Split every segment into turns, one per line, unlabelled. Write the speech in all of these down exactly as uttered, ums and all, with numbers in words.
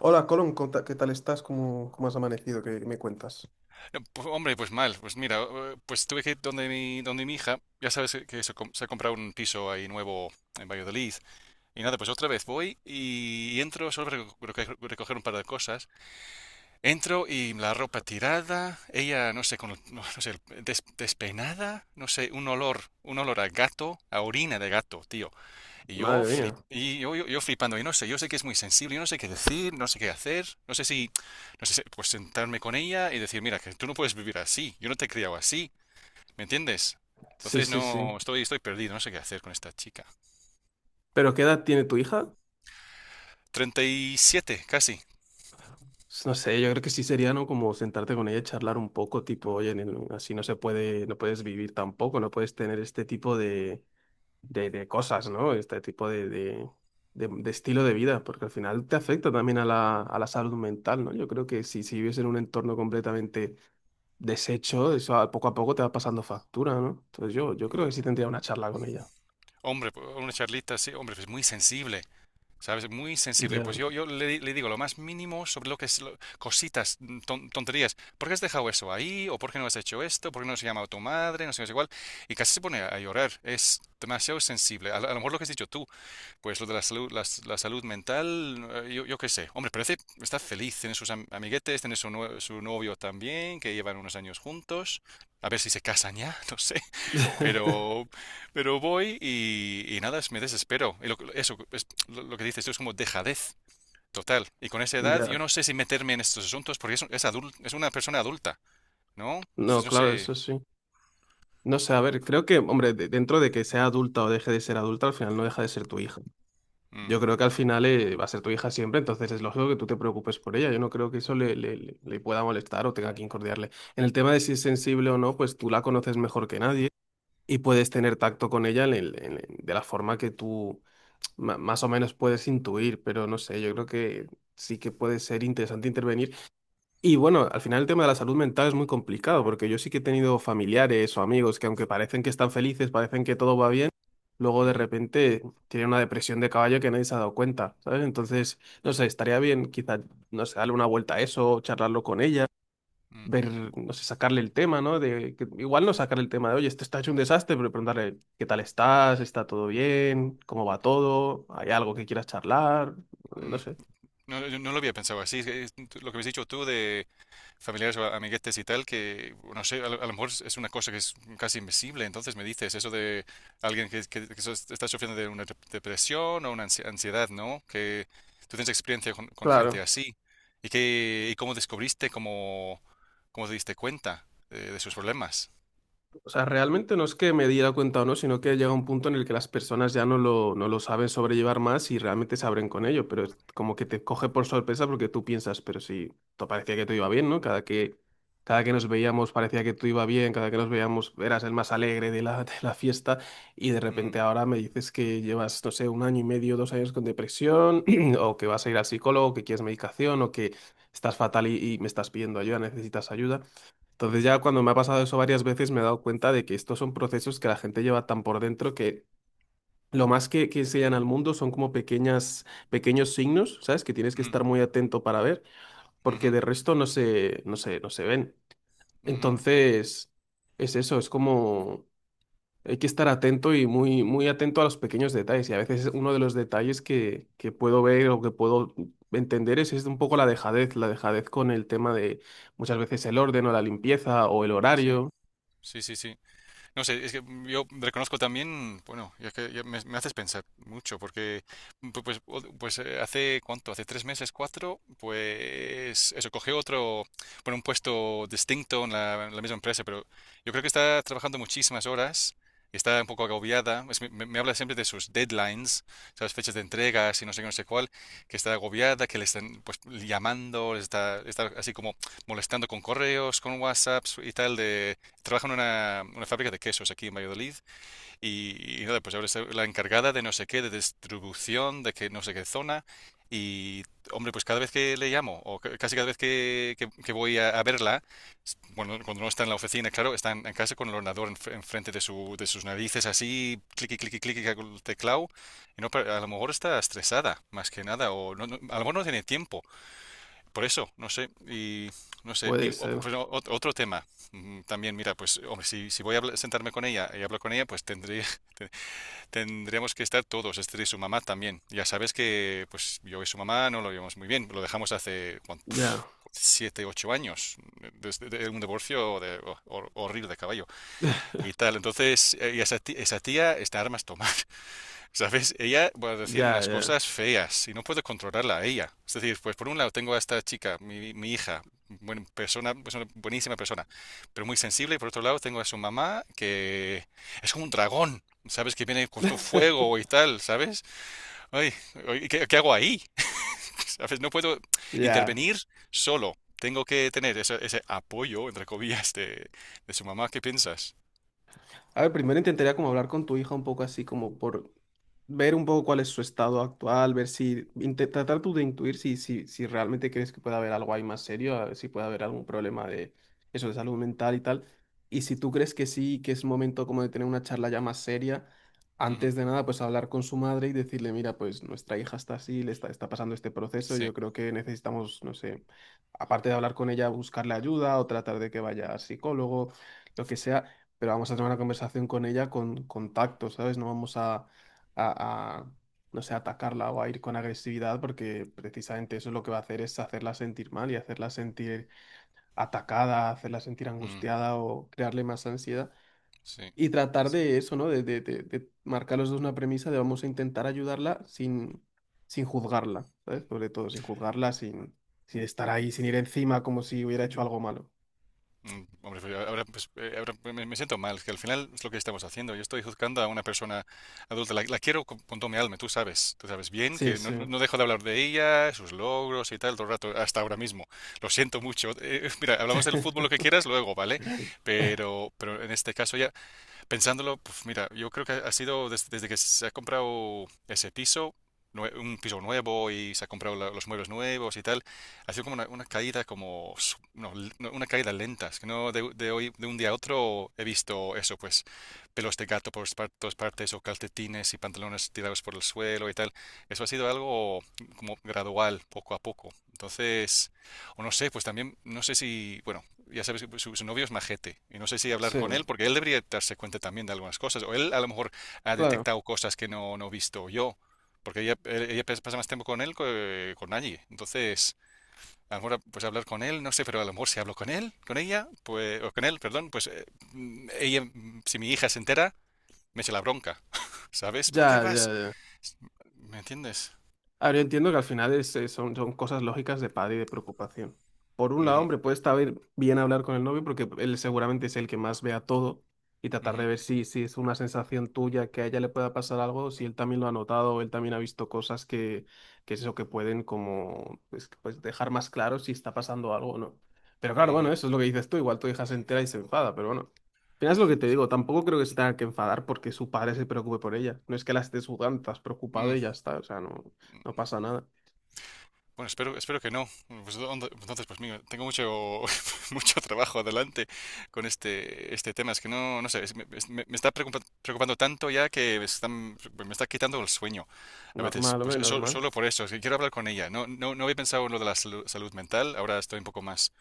Hola, Colón, ¿cómo ta- ¿qué tal estás? ¿Cómo, cómo has amanecido? ¿Qué me cuentas?
No, pues, hombre, pues mal. Pues mira, eh, pues tuve que ir donde mi, donde mi hija, ya sabes que se, com- se ha comprado un piso ahí nuevo en Valladolid. Y nada, pues otra vez voy y entro, solo para reco- reco- recoger un par de cosas. Entro y la ropa tirada, ella, no sé, con, el- no, no sé, des- despeinada, no sé, un olor, un olor a gato, a orina de gato, tío. Y yo,
Madre
flip,
mía.
y yo, yo, yo flipando, y no sé, yo sé que es muy sensible, yo no sé qué decir, no sé qué hacer, no sé si, no sé si- pues sentarme con ella y decir, mira, que tú no puedes vivir así, yo no te he criado así, ¿me entiendes?
Sí,
Entonces
sí, sí.
no, estoy, estoy perdido, no sé qué hacer con esta chica.
¿Pero qué edad tiene tu hija?
Treinta y siete casi.
S- No sé, yo creo que sí sería, ¿no? Como sentarte con ella y charlar un poco, tipo, oye, nen, así no se puede, no puedes vivir tampoco, no puedes tener este tipo de, de, de cosas, ¿no? Este tipo de, de, de- de estilo de vida, porque al final te afecta también a la, a la salud mental, ¿no? Yo creo que si, si vives en un entorno completamente deshecho, eso a- poco a poco te va pasando factura, ¿no? Entonces yo, yo creo que sí tendría una charla con ella.
Hombre, pues, una charlita, sí, hombre, es muy sensible. ¿Sabes? Muy sensible.
Ya,
Pues yo, yo le, le digo lo más mínimo sobre lo que es lo- cositas, mm, ton- tonterías. ¿Por qué has dejado eso ahí? ¿O por qué no has hecho esto? ¿Por qué no has llamado a tu madre? No sé, no sé cuál. Y casi se pone a, a llorar. Es demasiado sensible. A, lo a lo mejor lo que has dicho tú, pues lo de la salud, la, s- la salud mental, eh, yo, yo qué sé. Hombre, parece, está feliz, tiene sus am- amiguetes, tiene su, nue- su novio también, que llevan unos años juntos. A ver si se casan ya, no sé. Pero, pero voy y, y nada, es- me desespero. Y lo, que- eso, es lo, lo que dices tú es como dejadez total. Y con esa edad yo
ya.
no sé si meterme en estos asuntos porque es, un- es, adul- es una persona adulta, ¿no?
No,
Entonces no
claro, eso
sé.
sí. No sé, a ver, creo que, hombre, de- dentro de que sea adulta o deje de ser adulta, al final no deja de ser tu hija.
Mm.
Yo creo que al final eh, va a ser tu hija siempre, entonces es lógico que tú te preocupes por ella. Yo no creo que eso le, le- le- le pueda molestar o tenga que incordiarle. En el tema de si es sensible o no, pues tú la conoces mejor que nadie y puedes tener tacto con ella en el- en el- de la forma que tú ma- más o menos puedes intuir, pero no sé, yo creo que sí que puede ser interesante intervenir. Y bueno, al final el tema de la salud mental es muy complicado, porque yo sí que he tenido familiares o amigos que aunque parecen que están felices, parecen que todo va bien, luego de
Ujú.
repente tienen una depresión de caballo que nadie se ha dado cuenta, ¿sabes? Entonces, no sé, estaría bien quizá, no sé, darle una vuelta a eso, charlarlo con ella,
Mm.
ver, no sé, sacarle el tema, ¿no? De, que, igual no sacarle el tema de, oye, esto está hecho un desastre, pero preguntarle, ¿qué tal estás? ¿Está todo bien? ¿Cómo va todo? ¿Hay algo que quieras charlar? No
Mm.
sé.
No, yo no lo había pensado así. Es que es lo que habéis dicho tú de familiares o amiguetes y tal, que no sé, a lo, a lo mejor es una cosa que es casi invisible. Entonces me dices eso de alguien que, que- que so- está sufriendo de una dep- depresión o una ansi- ansiedad, ¿no? Que tú tienes experiencia con, con gente
Claro.
así. ¿Y, que y cómo descubriste, cómo, cómo te diste cuenta de, de sus problemas?
O sea, realmente no es que me diera cuenta o no, sino que llega un punto en el que las personas ya no lo, no lo saben sobrellevar más y realmente se abren con ello, pero es como que te coge por sorpresa porque tú piensas, pero si te parecía que te iba bien, ¿no? Cada que, cada que nos veíamos parecía que tú iba bien, cada que nos veíamos eras el más alegre de la, de la fiesta y de
Mm.
repente ahora me dices que llevas, no sé, un año y medio, dos años con depresión o que vas a ir al psicólogo, que quieres medicación o que estás fatal y, y me estás pidiendo ayuda, necesitas ayuda. Entonces ya cuando me ha pasado eso varias veces me he dado cuenta de que estos son procesos que la gente lleva tan por dentro que lo más que, que enseñan al mundo son como pequeñas, pequeños signos, ¿sabes? Que tienes que
Mm.
estar muy atento para ver,
Ujú. Ujú.
porque de resto no se, no se, no se ven.
Ujú.
Entonces, es eso, es como hay que estar atento y muy, muy atento a los pequeños detalles. Y a veces uno de los detalles que, que puedo ver o que puedo entender es, es un poco la dejadez, la dejadez con el tema de muchas veces el orden o la limpieza o el
Sí,
horario.
sí, sí, sí. No sé, es que yo reconozco también, bueno, ya que ya me, me haces pensar mucho, porque pu- pues, o- pues eh, hace cuánto, hace tres meses, cuatro, pues eso, cogí otro, bueno, un puesto distinto en la, en la misma empresa, pero yo creo que está trabajando muchísimas horas, y está un poco agobiada. Es- me, me habla siempre de sus deadlines, las fechas de entregas y no sé qué, no sé cuál, que está agobiada, que le están pues llamando, le está, está así como molestando con correos, con WhatsApps y tal, trabaja en una, una fábrica de quesos aquí en Valladolid y, y nada, pues ahora es la encargada de no sé qué, de distribución, de que no sé qué zona. Y, hombre, pues cada vez que le llamo, o ca- casi cada vez que, que- que voy a, a verla, s- bueno, cuando no está en la oficina, claro, está en, en casa con el ordenador enf- enfrente de, su, de sus narices, así, clic, clic, clic, con el teclado, y no, pa- a lo mejor está estresada, más que nada, o no- no- a lo mejor no tiene tiempo por eso, no sé, y no sé, y
Puede
o-
ser.
pues, o- ot- otro tema. Mm, también, mira, pues hombre, si, si voy a habla- sentarme con ella y hablo con ella, pues tendría, te- tendríamos que estar todos, este y su mamá también. Ya sabes que pues yo y su mamá no lo llevamos muy bien, lo dejamos hace cuan-
Ya,
pf, siete, ocho años, desde de un divorcio de, hor- hor- horrible de caballo y tal. Entonces, eh, y esa ti- esa tía está a armas tomar. ¿Sabes? Ella va a decir
ya,
unas
ya.
cosas feas y no puedo controlarla a ella. Es decir, pues por un lado tengo a esta chica, mi, mi hija, buena persona, pues una buenísima persona, pero muy sensible. Y por otro lado tengo a su mamá que es como un dragón, ¿sabes? Que viene con todo fuego y tal, ¿sabes? Ay, ay, ¿qué, qué hago ahí? ¿Sabes? No puedo
Ya.
intervenir solo. Tengo que tener ese, ese apoyo, entre comillas, de, de su mamá. ¿Qué piensas?
A ver, primero intentaría como hablar con tu hija un poco así como por ver un poco cuál es su estado actual, ver si, inte- tratar tú de intuir si, si, si realmente crees que puede haber algo ahí más serio, a ver si puede haber algún problema de eso de salud mental y tal. Y si tú crees que sí, que es momento como de tener una charla ya más seria,
Ujú.
antes de nada, pues hablar con su madre y decirle, mira, pues nuestra hija está así, le está, está pasando este proceso,
Sí.
yo creo que necesitamos, no sé, aparte de hablar con ella, buscarle ayuda o tratar de que vaya al psicólogo lo que sea, pero vamos a tener una conversación con ella con, con tacto, ¿sabes? No vamos a, a- a, no sé, atacarla o a ir con agresividad porque precisamente eso lo que va a hacer es hacerla sentir mal y hacerla sentir atacada, hacerla sentir
Mm.
angustiada o crearle más ansiedad.
Sí.
Y tratar de eso, ¿no? De, de, de, de marcar los dos una premisa de vamos a intentar ayudarla sin, sin juzgarla, ¿sabes? Sobre todo, sin juzgarla, sin, sin estar ahí, sin ir encima como si hubiera hecho algo malo.
Mm. Hombre, pues ahora, pues, eh, ahora me me siento mal, que al final es lo que estamos haciendo. Yo estoy juzgando a una persona adulta, la, la quiero con, con toda mi alma, tú sabes, tú sabes bien
Sí,
que no,
sí.
no- no dejo de hablar de ella, sus logros y tal todo el rato, hasta ahora mismo. Lo siento mucho. Eh, mira, hablamos del fútbol lo que quieras luego, ¿vale? Pero, pero en este caso ya, pensándolo, pues mira, yo creo que ha sido des- desde que se ha comprado ese piso, nue- un piso nuevo y se ha comprado la- los muebles nuevos y tal, ha sido como una, una caída como, su- no, l- no, una caída lenta, es que no de, de hoy, de un día a otro he visto eso, pues pelos de gato por par- todas partes o calcetines y pantalones tirados por el suelo y tal, eso ha sido algo como gradual, poco a poco. Entonces, o no sé, pues también, no sé si, bueno, ya sabes, su, su novio es majete. Y no sé si hablar
Sí,
con él, porque él debería darse cuenta también de algunas cosas. O él a lo mejor ha
claro.
detectado cosas que no, no he visto yo. Porque ella, ella pasa más tiempo con él que con nadie. Entonces, a lo mejor pues hablar con él, no sé, pero a lo mejor si hablo con él, con ella, pues, o con él, perdón, pues eh, ella, si mi hija se entera, me echa la bronca. ¿Sabes? ¿Por qué
Ya, ya,
vas?
ya.
¿Me entiendes?
A ver, yo entiendo que al final es, eh, son, son cosas lógicas de padre y de preocupación. Por un lado,
Ujú.
hombre, puede estar bien bien hablar con el novio porque él seguramente es el que más vea todo y tratar
Ujú.
de ver si, si es una sensación tuya que a ella le pueda pasar algo, si él también lo ha notado, o él también ha visto cosas que, que es eso que pueden como pues, pues dejar más claro si está pasando algo o no. Pero claro, bueno,
Ujú.
eso es lo que dices tú, igual tu hija se entera y se enfada, pero bueno. Al final es lo que te digo, tampoco creo que se tenga que enfadar porque su padre se preocupe por ella. No es que la estés juzgando, estás preocupado
Mm.
y ya está, o sea, no. No pasa nada.
Bueno, espero, espero que no. Pues, ¿dónde- entonces, pues mira, tengo mucho, mucho trabajo adelante con este, este tema. Es que no, no sé, es- me, es- me- me está preocupa- preocupando tanto ya que me están- me está quitando el sueño a veces.
Normal,
Pues
hombre,
eso-
normal.
solo por eso, es que quiero hablar con ella. No, no, no había pensado en lo de la salu- salud mental. Ahora estoy un poco más,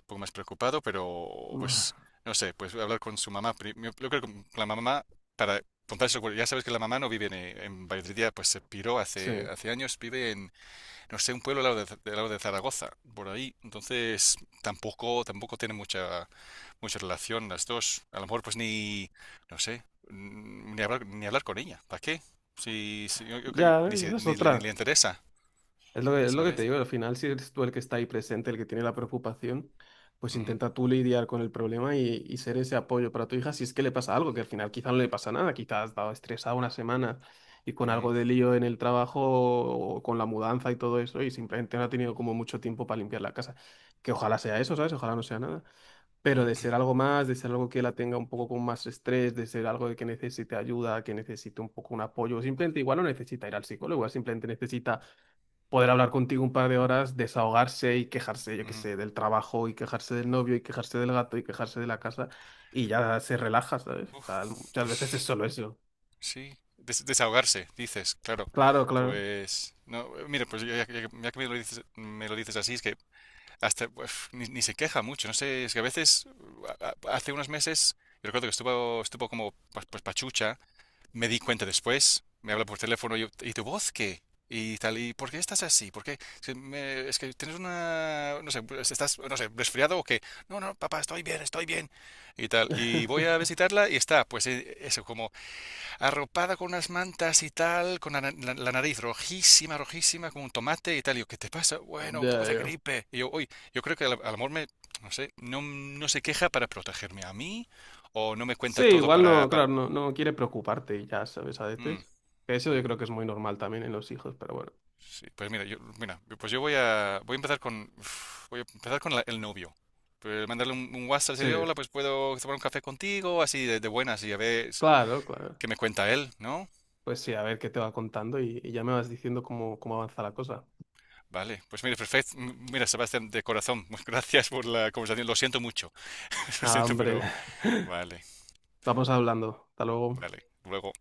un poco más preocupado, pero pues
Ma-
no sé, pues hablar con su mamá. pri- Yo yo creo que con la mamá, para contarse, ya sabes que la mamá no vive en, en Valladolid, ya, pues se piró hace,
Sí.
hace años, vive en no sé, un pueblo al lado de, al lado de Zaragoza, por ahí. Entonces, tampoco, tampoco tiene mucha, mucha relación las dos. A lo mejor, pues ni, no sé, n- ni hablar, ni hablar con ella. ¿Para qué? Si, si- yo, yo creo que
Ya,
ni, se-
esa es
ni, le ni le
otra.
interesa,
Es lo que, es lo que te
¿sabes?
digo, al final, si eres tú el que está ahí presente, el que tiene la preocupación, pues
Ujú.
intenta tú lidiar con el problema y, y ser ese apoyo para tu hija si es que le pasa algo, que al final quizá no le pasa nada, quizá has estado estresada una semana y con
Ujú.
algo de lío en el trabajo o con la mudanza y todo eso y simplemente no ha tenido como mucho tiempo para limpiar la casa. Que ojalá sea eso, ¿sabes? Ojalá no sea nada. Pero de
Ujú.
ser algo más, de ser algo que la tenga un poco con más estrés, de ser algo de que necesite ayuda, que necesite un poco un apoyo, simplemente igual no necesita ir al psicólogo, igual simplemente necesita poder hablar contigo un par de horas, desahogarse y quejarse, yo qué
Ujú.
sé, del trabajo y quejarse del novio y quejarse del gato y quejarse de la casa y ya se relaja, ¿sabes? O
Uf,
sea, muchas veces es
pues
solo eso.
sí, des- desahogarse, dices, claro.
Claro, claro.
Pues, no, eh, mira, pues ya, ya que ya que me lo dices, me lo dices así, es que hasta uf, ni, ni se queja mucho, no sé, es que a veces, a- a- hace unos meses, yo recuerdo que estuvo, estuvo como pa- pues pachucha, me di cuenta después, me habla por teléfono, y yo, ¿y tu voz qué? Y tal, ¿y por qué estás así? ¿Por qué? Es que, me- es que tienes una, no sé, pues, estás, no sé, resfriado o qué. No, no, papá, estoy bien, estoy bien. Y tal, y voy a visitarla y está, pues eh, eso, como arropada con unas mantas y tal, con la, la- la nariz rojísima, rojísima, como un tomate y tal. Y yo, ¿qué te pasa? Bueno, un poco
Ya,
de
ya.
gripe. Y yo, uy, yo creo que al, al amor me, no sé, no, no se queja para protegerme a mí o no me cuenta
Sí,
todo
igual
para,
no,
para.
claro, no, no quiere preocuparte y ya, ¿sabes? A
Mm,
veces. Que eso yo
bueno,
creo que es muy normal también en los hijos, pero bueno.
sí, pues mira, yo, mira, pues yo voy a, voy a empezar con, uf, voy a empezar con la- el novio. Pues mandarle un, un WhatsApp, decirle,
Sí,
hola, pues puedo tomar un café contigo, así de, de buenas y a ver
claro, claro.
qué me cuenta él, ¿no?
Pues sí, a ver qué te va contando y, y ya me vas diciendo cómo, cómo avanza la cosa.
Vale, pues mire, perfecto. M- Mira, Sebastián, de corazón, gracias por la conversación. Lo siento mucho, lo
Nada,
siento,
hombre,
pero vale,
vamos hablando. Hasta luego.
vale. Luego.